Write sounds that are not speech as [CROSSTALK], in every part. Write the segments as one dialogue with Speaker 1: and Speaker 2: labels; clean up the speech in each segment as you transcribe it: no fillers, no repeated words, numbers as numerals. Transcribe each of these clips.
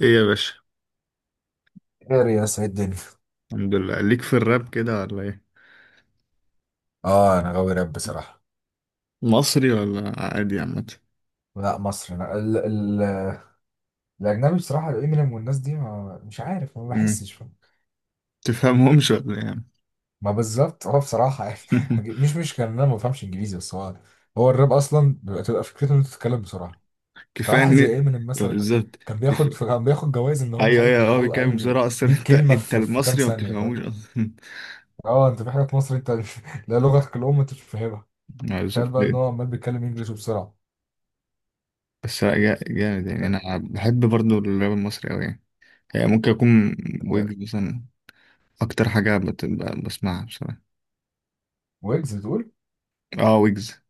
Speaker 1: ايه يا باشا.
Speaker 2: خير يا سيد الدنيا.
Speaker 1: الحمد لله. ليك في الراب كده ولا ايه؟
Speaker 2: اه انا غاوي راب بصراحه.
Speaker 1: مصري ولا عادي عامة؟
Speaker 2: لا مصر، أنا ال الاجنبي بصراحه، امينيم والناس دي، ما مش عارف، ما
Speaker 1: امم
Speaker 2: بحسش فاهم.
Speaker 1: تفهمهمش ولا ايه يا عم؟
Speaker 2: ما بالظبط هو بصراحه يعني [LAUGHS]
Speaker 1: [LAUGHS]
Speaker 2: مش كان، انا ما بفهمش انجليزي، بس هو الراب اصلا تبقى فكرته ان انت تتكلم بسرعه.
Speaker 1: كفايه
Speaker 2: فواحد
Speaker 1: ان.
Speaker 2: زي امينيم
Speaker 1: آه،
Speaker 2: مثلا
Speaker 1: بالظبط.
Speaker 2: كان بياخد
Speaker 1: كفايه.
Speaker 2: كان بياخد جوائز ان هو مش
Speaker 1: ايوه
Speaker 2: عارف
Speaker 1: ايوه، هو
Speaker 2: يخلق
Speaker 1: بيتكلم
Speaker 2: اقل من
Speaker 1: بسرعه اصلا.
Speaker 2: 100
Speaker 1: [LAUGHS] انت
Speaker 2: كلمه
Speaker 1: انت
Speaker 2: في كام
Speaker 1: المصري ما
Speaker 2: ثانيه،
Speaker 1: بتفهموش
Speaker 2: فاهم.
Speaker 1: اصلا.
Speaker 2: اه انت في حاجات مصر انت. [LAUGHS] لا، لغتك الام انت مش فاهمها.
Speaker 1: [LAUGHS]
Speaker 2: تخيل بقى ان
Speaker 1: بالظبط.
Speaker 2: هو عمال بيتكلم انجلش وبسرعه.
Speaker 1: بس لا، جامد يعني.
Speaker 2: لا،
Speaker 1: انا بحب برضو الراب المصري قوي يعني. يعني ممكن اكون
Speaker 2: انت،
Speaker 1: ويجز مثلا، اكتر حاجه بسمعها بصراحه.
Speaker 2: ويجز بتقول؟
Speaker 1: اه ويجز.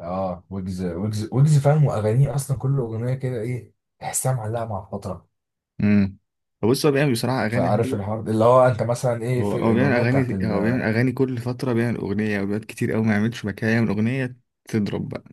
Speaker 2: اه، ويجز ويجز ويجز، فاهم. واغانيه اصلا كل اغنيه كده ايه، تحسها معلقه مع الفتره.
Speaker 1: امم بص، هو بيعمل بصراحه اغاني
Speaker 2: فعارف
Speaker 1: حلوه.
Speaker 2: الحوار ده، اللي هو انت مثلا ايه
Speaker 1: هو
Speaker 2: في
Speaker 1: هو بيعمل
Speaker 2: الاغنيه بتاعت
Speaker 1: اغاني، هو بيعمل اغاني كل فتره، بيعمل اغنيه. اوقات كتير قوي ما يعملش مكان يعمل اغنيه تضرب بقى.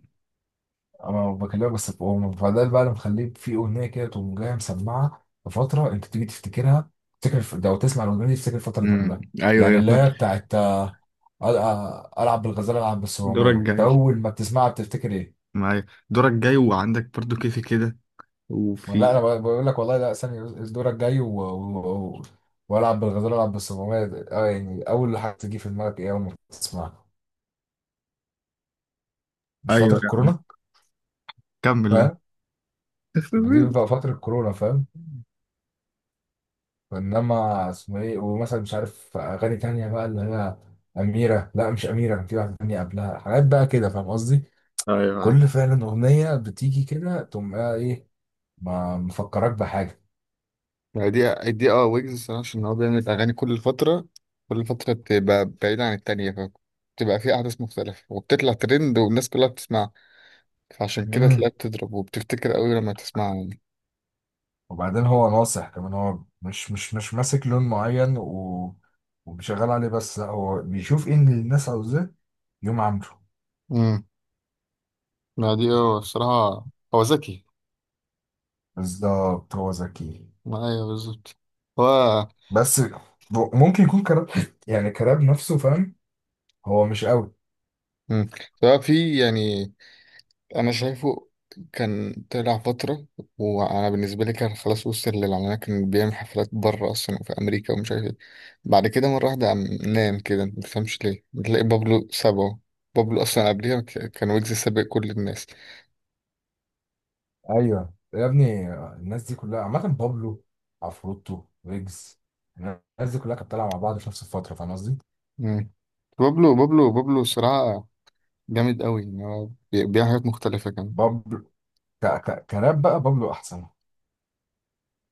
Speaker 2: انا بكلمك بس بأم فده بقى، اللي مخليه في اغنيه كده تقوم جايه مسمعه لفتره انت تيجي تفتكرها. تفتكر لو تسمع الاغنيه دي تفتكر الفتره دي كلها.
Speaker 1: ايوه
Speaker 2: يعني
Speaker 1: ايوه،
Speaker 2: اللي
Speaker 1: فاهم.
Speaker 2: هي بتاعت آه، العب بالغزاله، العب بالصواميه،
Speaker 1: دورك
Speaker 2: انت
Speaker 1: جاي،
Speaker 2: اول ما بتسمعها بتفتكر ايه؟
Speaker 1: معايا دورك جاي، وعندك برضو كيفي كده.
Speaker 2: لا، انا
Speaker 1: وفي
Speaker 2: بقول لك والله، لا ثاني دورك جاي والعب بالغزال، العب بالصمامية. اه يعني اول حاجه تيجي في دماغك ايه اول ما تسمعها؟ مش
Speaker 1: ايوه
Speaker 2: فتره
Speaker 1: يعني.
Speaker 2: كورونا؟
Speaker 1: كمل يا عم.
Speaker 2: فاهم.
Speaker 1: [LAUGHS]
Speaker 2: دي فتره كورونا، فاهم. انما اسمه ايه، ومثلا مش عارف اغاني تانية بقى اللي هي اميره. لا مش اميره، كان في واحده تانية قبلها. حاجات بقى كده، فاهم قصدي.
Speaker 1: ايوه معاك.
Speaker 2: كل فعلا اغنيه بتيجي كده تقوم بقى ايه، ما مفكرك بحاجه.
Speaker 1: ما دي اه ويجز. الصراحه عشان هو بيعمل اغاني كل فتره. كل فتره بتبقى بعيده عن التانيه، فبتبقى في احداث مختلفه وبتطلع ترند والناس كلها بتسمعها. فعشان كده تلاقيها بتضرب وبتفتكر قوي لما تسمعها.
Speaker 2: وبعدين هو ناصح كمان، هو مش ماسك لون معين وبيشغل عليه بس، لا هو بيشوف ايه اللي الناس عاوزاه يقوم عامله.
Speaker 1: يعني ما دي هو الصراحة. هو ذكي.
Speaker 2: بالظبط هو ذكي،
Speaker 1: ما أيوه بالظبط. هو.
Speaker 2: بس ممكن يكون كراب، يعني كراب نفسه فاهم، هو مش قوي.
Speaker 1: مم. هو في يعني. أنا شايفه كان طلع فترة. وأنا بالنسبة لي كان خلاص، وصل للعلانية، كان بيعمل حفلات بره أصلا وفي أمريكا ومش عارف إيه. بعد كده مرة واحدة قام نام كده، ما تفهمش ليه، بتلاقي بابلو سابه. بابلو أصلا قبليها كان ويجز سابق كل الناس.
Speaker 2: ايوه يا ابني، الناس دي كلها عامة، بابلو، عفروتو، ويجز، الناس دي كلها كانت طالعة مع بعض في نفس الفترة، فاهم قصدي؟
Speaker 1: مم. بابلو بابلو بابلو صراحة جامد قوي يعني هو. بيعمل حاجات مختلفة كمان.
Speaker 2: بابلو كراب بقى، بابلو أحسن.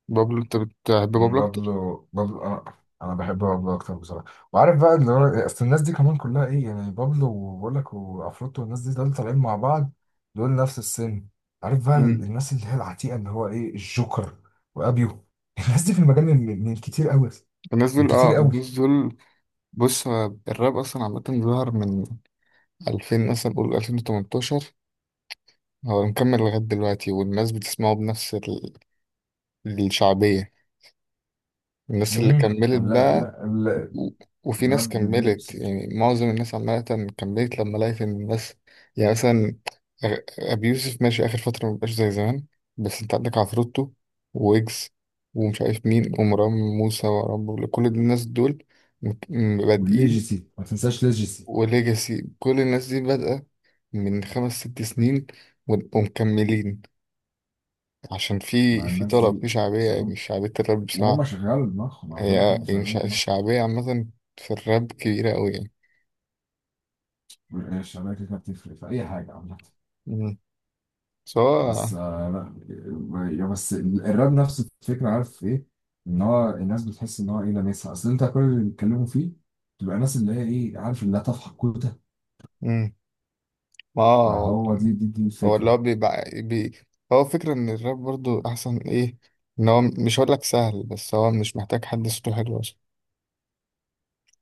Speaker 1: بابلو؟ أنت بتحب
Speaker 2: مم،
Speaker 1: بابلو أكتر؟
Speaker 2: بابلو انا، انا بحب بابلو اكتر بصراحه. وعارف بقى اللي هو اصل الناس دي كمان كلها ايه، يعني بابلو، وبقول لك، وعفروتو، والناس دي، دول طالعين مع بعض، دول نفس السن. عارف بقى الناس اللي هي العتيقه، اللي هو ايه، الجوكر، وابيو. [LAUGHS] الناس دي في المجال من كتير قوي، من كتير قوي.
Speaker 1: الناس دول. بص هو الراب اصلا عامة ظهر من 2000 مثلا، قول 2018. هو مكمل لغاية دلوقتي، والناس بتسمعه بنفس الشعبية. الناس اللي
Speaker 2: امم،
Speaker 1: كملت
Speaker 2: لا
Speaker 1: بقى.
Speaker 2: لا لا،
Speaker 1: و- وفي ناس
Speaker 2: الراب جميل
Speaker 1: كملت
Speaker 2: بس.
Speaker 1: يعني، معظم الناس عامة كملت لما لقيت ان الناس، يعني مثلا أبي يوسف ماشي آخر فترة، مبقاش زي زمان. بس انت عندك عفروتو، ويجز، ومش عارف مين، ومروان موسى، ومروان بابلو، كل الناس دول مت- بادئين.
Speaker 2: والليجيسي، ما تنساش ليجيسي.
Speaker 1: وليجاسي، كل الناس دي بادئة من خمس ست سنين، ومكملين، عشان في
Speaker 2: مع الناس
Speaker 1: طلب،
Speaker 2: دي،
Speaker 1: في شعبية،
Speaker 2: أصل
Speaker 1: يعني
Speaker 2: هم-
Speaker 1: شعبية الراب بصراحة.
Speaker 2: وهم شغال دماغهم، انا بقول لك
Speaker 1: هي
Speaker 2: هم
Speaker 1: يعني
Speaker 2: شغال دماغهم.
Speaker 1: الشعبية عامة في الراب كبيرة أوي يعني.
Speaker 2: الشغاله كده بتفرق في اي حاجه عامه.
Speaker 1: مم.
Speaker 2: بس
Speaker 1: سواء.
Speaker 2: آه، لا يا بس الراب نفس الفكرة، عارف ايه، ان هو الناس بتحس ان هو ايه، لامسها. اصل انت كل اللي بيتكلموا فيه تبقى ناس اللي هي ايه، عارف، اللي لا تفحق كوته.
Speaker 1: مم. ما هو،
Speaker 2: فهو دي
Speaker 1: هو اللي
Speaker 2: الفكرة.
Speaker 1: هو بيبقى بي. هو فكرة إن الراب برضو أحسن إيه؟ إن هو مش هقولك سهل، بس هو مش محتاج حد صوته حلو أصلا،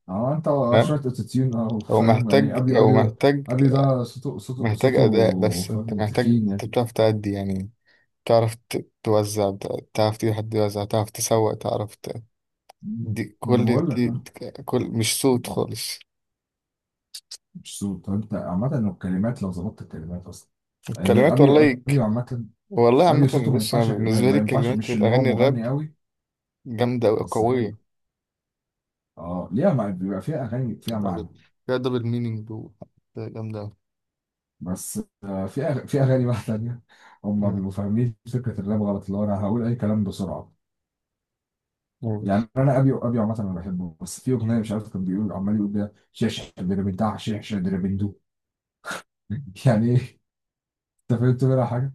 Speaker 2: اه انت
Speaker 1: فاهم؟
Speaker 2: شوية اوتوتيون، اه فاهم يعني. ابي
Speaker 1: هو
Speaker 2: ابي ده،
Speaker 1: محتاج،
Speaker 2: ابي ده صوته صوته
Speaker 1: محتاج أداء.
Speaker 2: صوته
Speaker 1: بس أنت
Speaker 2: فاهم،
Speaker 1: محتاج،
Speaker 2: تخين
Speaker 1: أنت
Speaker 2: يعني.
Speaker 1: بتعرف تأدي يعني. تعرف توزع، تعرف تجيب حد يوزع، تعرف تسوق، تعرف
Speaker 2: مم.
Speaker 1: دي
Speaker 2: انا
Speaker 1: كل
Speaker 2: بقول لك
Speaker 1: دي،
Speaker 2: اه،
Speaker 1: مش صوت خالص.
Speaker 2: مش صوت. طب انت عامة لو الكلمات، لو ظبطت الكلمات اصلا. يعني
Speaker 1: الكلمات
Speaker 2: ابي
Speaker 1: والله
Speaker 2: ابي عامة،
Speaker 1: والله
Speaker 2: ابي
Speaker 1: عامة،
Speaker 2: صوته ما
Speaker 1: بص
Speaker 2: ينفعش،
Speaker 1: أنا
Speaker 2: ما
Speaker 1: بالنسبة لي
Speaker 2: ما ينفعش،
Speaker 1: كلمات
Speaker 2: مش اللي هو
Speaker 1: الأغاني الراب
Speaker 2: مغني قوي،
Speaker 1: جامدة أوي،
Speaker 2: بس حلو.
Speaker 1: قوية
Speaker 2: اه ليها بيبقى فيها اغاني فيها
Speaker 1: أوي.
Speaker 2: معنى.
Speaker 1: فيها دبل مينينج جامدة أوي.
Speaker 2: بس آه، في في اغاني بقى تانية، هم
Speaker 1: مم.
Speaker 2: بيبقوا فاهمين فكره الراب غلط، اللي هو انا هقول اي كلام بسرعه.
Speaker 1: مم.
Speaker 2: يعني انا ابي عامه انا بحبه، بس في اغنيه مش عارف كان بيقول، عمال يقول بيها شيش دربندع شيش دربندو. [LAUGHS] يعني ايه؟ انت فهمت منها حاجه؟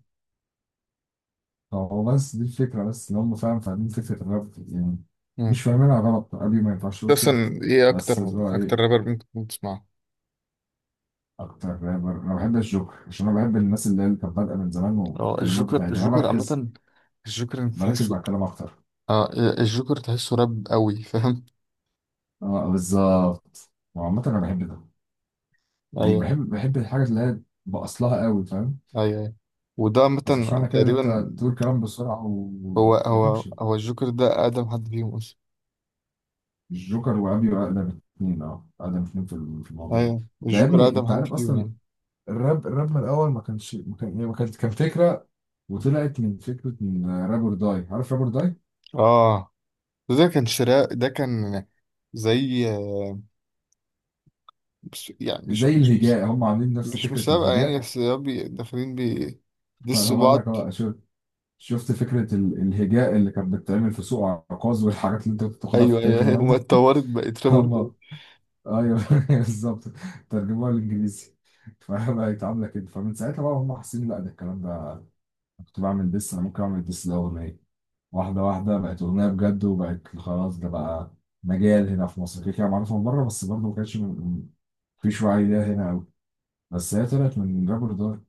Speaker 2: هو بس دي الفكره، بس ان هم فاهمين فكره الراب يعني،
Speaker 1: مم.
Speaker 2: مش فاهمينها غلط. ابي ما ينفعش يقول كده.
Speaker 1: أصلا إيه
Speaker 2: بس اللي هو
Speaker 1: أكتر
Speaker 2: ايه،
Speaker 1: رابر ممكن تسمعه؟
Speaker 2: اكتر رابر انا بحب الجوكر، عشان انا بحب الناس اللي هي اللي كانت بادئه من زمان،
Speaker 1: اه
Speaker 2: والكلمات بتاعتها.
Speaker 1: الجوكر
Speaker 2: يعني انا
Speaker 1: الجوكر
Speaker 2: بركز،
Speaker 1: عامة، الجوكر
Speaker 2: بركز
Speaker 1: تحسه.
Speaker 2: مع الكلام اكتر.
Speaker 1: اه الجوكر تحسه راب قوي، فاهم؟
Speaker 2: اه بالظبط، وعامة انا بحب ده. يعني
Speaker 1: ايوه
Speaker 2: بحب، بحب الحاجة اللي هي باصلها قوي فاهم.
Speaker 1: ايوه أيوة. وده
Speaker 2: بس مش
Speaker 1: مثلا
Speaker 2: معنى كده ان انت
Speaker 1: تقريبا.
Speaker 2: تقول كلام بسرعة
Speaker 1: هو
Speaker 2: وما
Speaker 1: هو
Speaker 2: تفهموش يعني.
Speaker 1: هو الجوكر ده أقدم حد فيهم أصلا.
Speaker 2: الجوكر وابي اقدم اتنين، اه اقدم اتنين في في الموضوع ده.
Speaker 1: أيوة
Speaker 2: ده يا
Speaker 1: الجوكر
Speaker 2: ابني
Speaker 1: أقدم
Speaker 2: انت
Speaker 1: حد
Speaker 2: عارف
Speaker 1: فيهم
Speaker 2: اصلا
Speaker 1: يعني.
Speaker 2: الراب، الراب من الاول ما كانش، ما كان يعني ما كانت كان فكرة، وطلعت من فكرة من رابر داي. عارف رابر داي؟
Speaker 1: آه، ده كان شراء. ده كان زي يعني
Speaker 2: زي الهجاء، هم عاملين نفس
Speaker 1: مش
Speaker 2: فكرة
Speaker 1: مسابقة يعني.
Speaker 2: الهجاء.
Speaker 1: بس هو داخلين بي
Speaker 2: [LAUGHS] فانا
Speaker 1: دسوا
Speaker 2: بقول
Speaker 1: بعض.
Speaker 2: لك اه، شفت فكرة الهجاء اللي كانت بتتعمل في سوق عكاظ والحاجات اللي انت كنت بتاخدها في
Speaker 1: أيوة
Speaker 2: التاريخ
Speaker 1: أيوة أيوة،
Speaker 2: زمان
Speaker 1: هما
Speaker 2: دي. [LAUGHS]
Speaker 1: اتطورت بقت رابر ده.
Speaker 2: هما، ايوه [LAUGHS] بالظبط، ترجموها للانجليزي فبقت [LAUGHS] عاملة كده. فمن ساعتها بقى هم حاسين، لا ده الكلام ده كنت بعمل ديس، انا ممكن اعمل ديس ده اغنية. واحدة واحدة بقت اغنية بجد، وبقت خلاص ده بقى مجال، هنا في مصر كده كده، معروفة من بره بس برضه ما كانش مفيش وعي ليها هنا قوي. بس هي طلعت من رابر دار،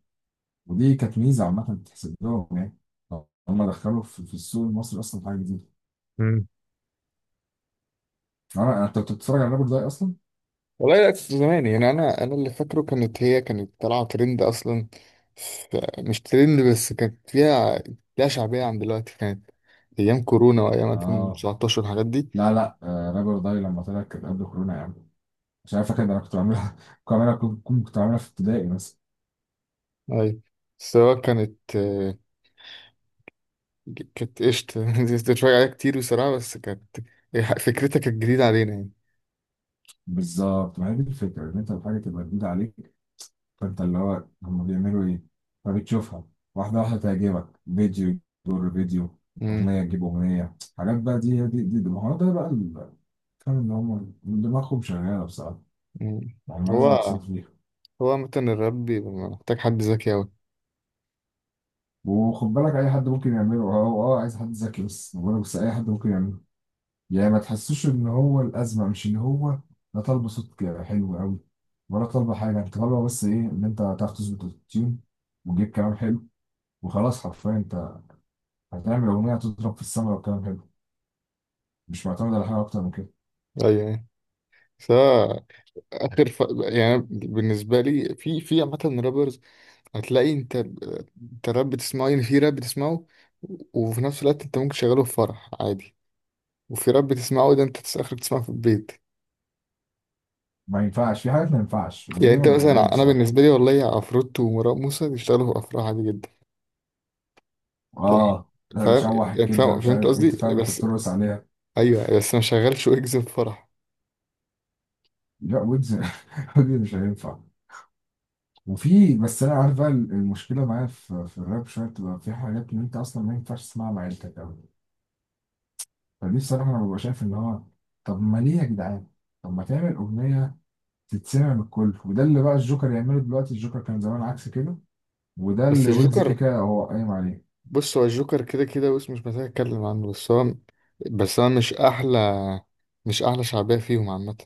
Speaker 2: ودي كانت ميزة عامة تحسب لهم يعني. هم دخلوا في في السوق المصري اصلا حاجة جديدة.
Speaker 1: مم.
Speaker 2: اه انت كنت بتتفرج على رابر داي اصلا؟
Speaker 1: والله لا، كنت زمان يعني. أنا اللي فاكره، كانت هي كانت طالعة ترند أصلا. مش ترند بس، كانت فيها، ليها شعبية عن دلوقتي. كانت أيام كورونا وأيام
Speaker 2: اه
Speaker 1: 2019 الحاجات دي.
Speaker 2: لا لا آه، رابر داي لما طلعت كانت قبل كورونا يا عم. مش عارف فاكر، ده انا كنت بعملها [LAUGHS] كنت بعملها، كنت كنت بعملها في ابتدائي مثلا.
Speaker 1: أي السواقة كانت كانت قشطة. [LAUGHS] كنت بتفرج عليها كتير بصراحة، بس كانت فكرتها كانت جديدة علينا يعني.
Speaker 2: بالظبط، ما هي دي الفكره، ان انت الحاجه تبقى جديده عليك، فانت اللي هو هم بيعملوا ايه؟ فبتشوفها، واحده واحده تعجبك، فيديو يجر فيديو،
Speaker 1: مم.
Speaker 2: اغنيه تجيب اغنيه. حاجات بقى دي. ما هو ده بقى فاهم ان هم دماغهم شغاله بصراحه،
Speaker 1: مم.
Speaker 2: يعني ما
Speaker 1: هو
Speaker 2: لازم يكسبوا فيها.
Speaker 1: هو مثلا الراب بيبقى محتاج حد ذكي أوي.
Speaker 2: وخد بالك اي حد ممكن يعمله. اه اه عايز حد ذكي، بس بقول لك بس اي حد ممكن يعمله. يعني ما تحسوش ان هو الازمه مش ان هو لا طالبه صوت حلو قوي، ولا طالبه حاجه. انت طالبه بس ايه، ان انت تعرف تظبط التيون، وتجيب كلام حلو، وخلاص. حرفيا انت هتعمل اغنيه تضرب في السما لو كلام حلو، مش معتمد على حاجه اكتر من كده.
Speaker 1: أيوة يعني. سواء آخر يعني بالنسبة لي في عامة رابرز، هتلاقي أنت راب بتسمعه، يعني في راب بتسمعه وفي نفس الوقت أنت ممكن تشغله في فرح عادي، وفي راب بتسمعه ده أنت آخرك تسمعه في البيت.
Speaker 2: ما ينفعش، في حاجات ما ينفعش
Speaker 1: يعني
Speaker 2: ودي
Speaker 1: انت
Speaker 2: ما بحبهاش
Speaker 1: مثلا، انا
Speaker 2: بصراحه.
Speaker 1: بالنسبه لي والله عفروت ومروان موسى يشتغلوا افراح عادي جدا يعني،
Speaker 2: اه ده
Speaker 1: فاهم؟
Speaker 2: شوح
Speaker 1: يعني
Speaker 2: الكبده
Speaker 1: فاهم
Speaker 2: مش
Speaker 1: فهمت
Speaker 2: عارف ايه،
Speaker 1: قصدي؟
Speaker 2: تفهم انت
Speaker 1: بس
Speaker 2: بترقص عليها.
Speaker 1: ايوه، بس ما شغلش ويجز في فرح.
Speaker 2: لا ويجز، [LAUGHS] ويجز مش هينفع. وفي بس انا عارف بقى المشكله معايا في في الراب، شويه بتبقى في حاجات ان انت اصلا ما ينفعش تسمعها مع عيلتك قوي. فدي الصراحة، أنا ببقى شايف إن هو، طب ما ليه يا جدعان؟ طب ما تعمل أغنية تتسمع من الكل، وده اللي بقى الجوكر يعمله دلوقتي. الجوكر كان زمان عكس كده، وده
Speaker 1: بس
Speaker 2: اللي ويجز
Speaker 1: الجوكر،
Speaker 2: كيكا هو قايم عليه.
Speaker 1: بص هو الجوكر كده كده، بص مش محتاج اتكلم عنه، بس هو. بس انا مش احلى شعبيه فيهم عامه.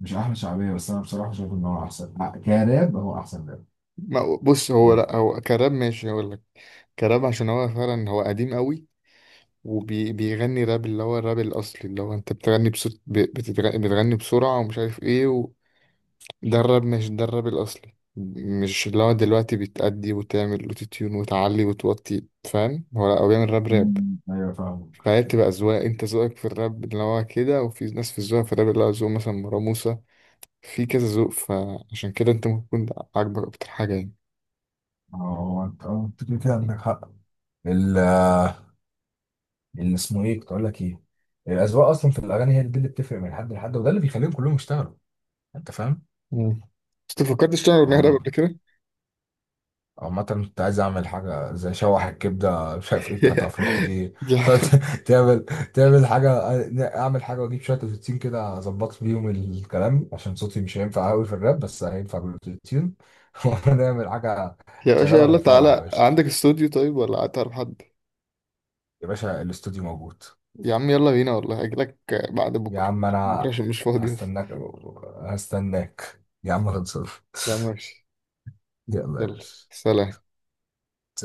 Speaker 2: مش أحلى شعبية، بس أنا بصراحة شايف إن هو أحسن كراب، هو أحسن راب.
Speaker 1: بص هو لا، هو كراب ماشي هقول لك. كراب عشان هو فعلا هو قديم قوي، وبيغني راب اللي هو الراب الاصلي، اللي هو انت بتغني بصوت بتغني بسرعه ومش عارف ايه. درب مش درب الأصلي، مش اللي هو دلوقتي بتأدي وتعمل وتتيون وتعلي وتوطي، فاهم؟ هو لأ، هو بيعمل راب راب.
Speaker 2: أمم، أيوه فاهمك.
Speaker 1: فهي بتبقى أذواق، أنت ذوقك في الراب اللي هو كده، وفي ناس في الذوق في الراب اللي هو ذوق مثلا مروة موسى. في كذا ذوق، فعشان كده أنت ممكن تكون عاجبك أكتر حاجة يعني.
Speaker 2: أه هو، أنت أه أنت كده كده عندك حق. ال- اللي اسمه إيه كنت أقول لك إيه، الأذواق أصلا في الأغاني هي دي اللي بتفرق من حد لحد، وده اللي بيخليهم كلهم يشتغلوا. أنت
Speaker 1: مم. بس أنت فكرتش تعمل أغنية راب
Speaker 2: فاهم؟
Speaker 1: قبل كده؟
Speaker 2: عامة كنت عايز أعمل حاجة زي شوح الكبدة مش عارف إيه بتاعت عفروتو
Speaker 1: [LAUGHS]
Speaker 2: دي،
Speaker 1: يا
Speaker 2: فتعمل [LAUGHS] تعمل تعمل حاجة، أعمل حاجة وأجيب شوية بروتين كده أظبط بيهم الكلام، عشان صوتي مش هينفع أوي في الراب بس هينفع بالبروتين [LAUGHS] ونعمل حاجة.
Speaker 1: يا باشا،
Speaker 2: شغالة في
Speaker 1: يلا
Speaker 2: الفرح يا
Speaker 1: تعالى
Speaker 2: باشا.
Speaker 1: عندك استوديو طيب ولا تعرف حد؟
Speaker 2: يا باشا الاستوديو موجود.
Speaker 1: يا عم يلا بينا، والله أجيلك بعد
Speaker 2: يا
Speaker 1: بكرة.
Speaker 2: عم
Speaker 1: بكرة
Speaker 2: أنا
Speaker 1: عشان مش فاضي بس.
Speaker 2: هستناك، هستناك يا عم، خلصان [LAUGHS]
Speaker 1: يا عم ماشي،
Speaker 2: يلا يا
Speaker 1: يلا،
Speaker 2: باشا.
Speaker 1: سلام.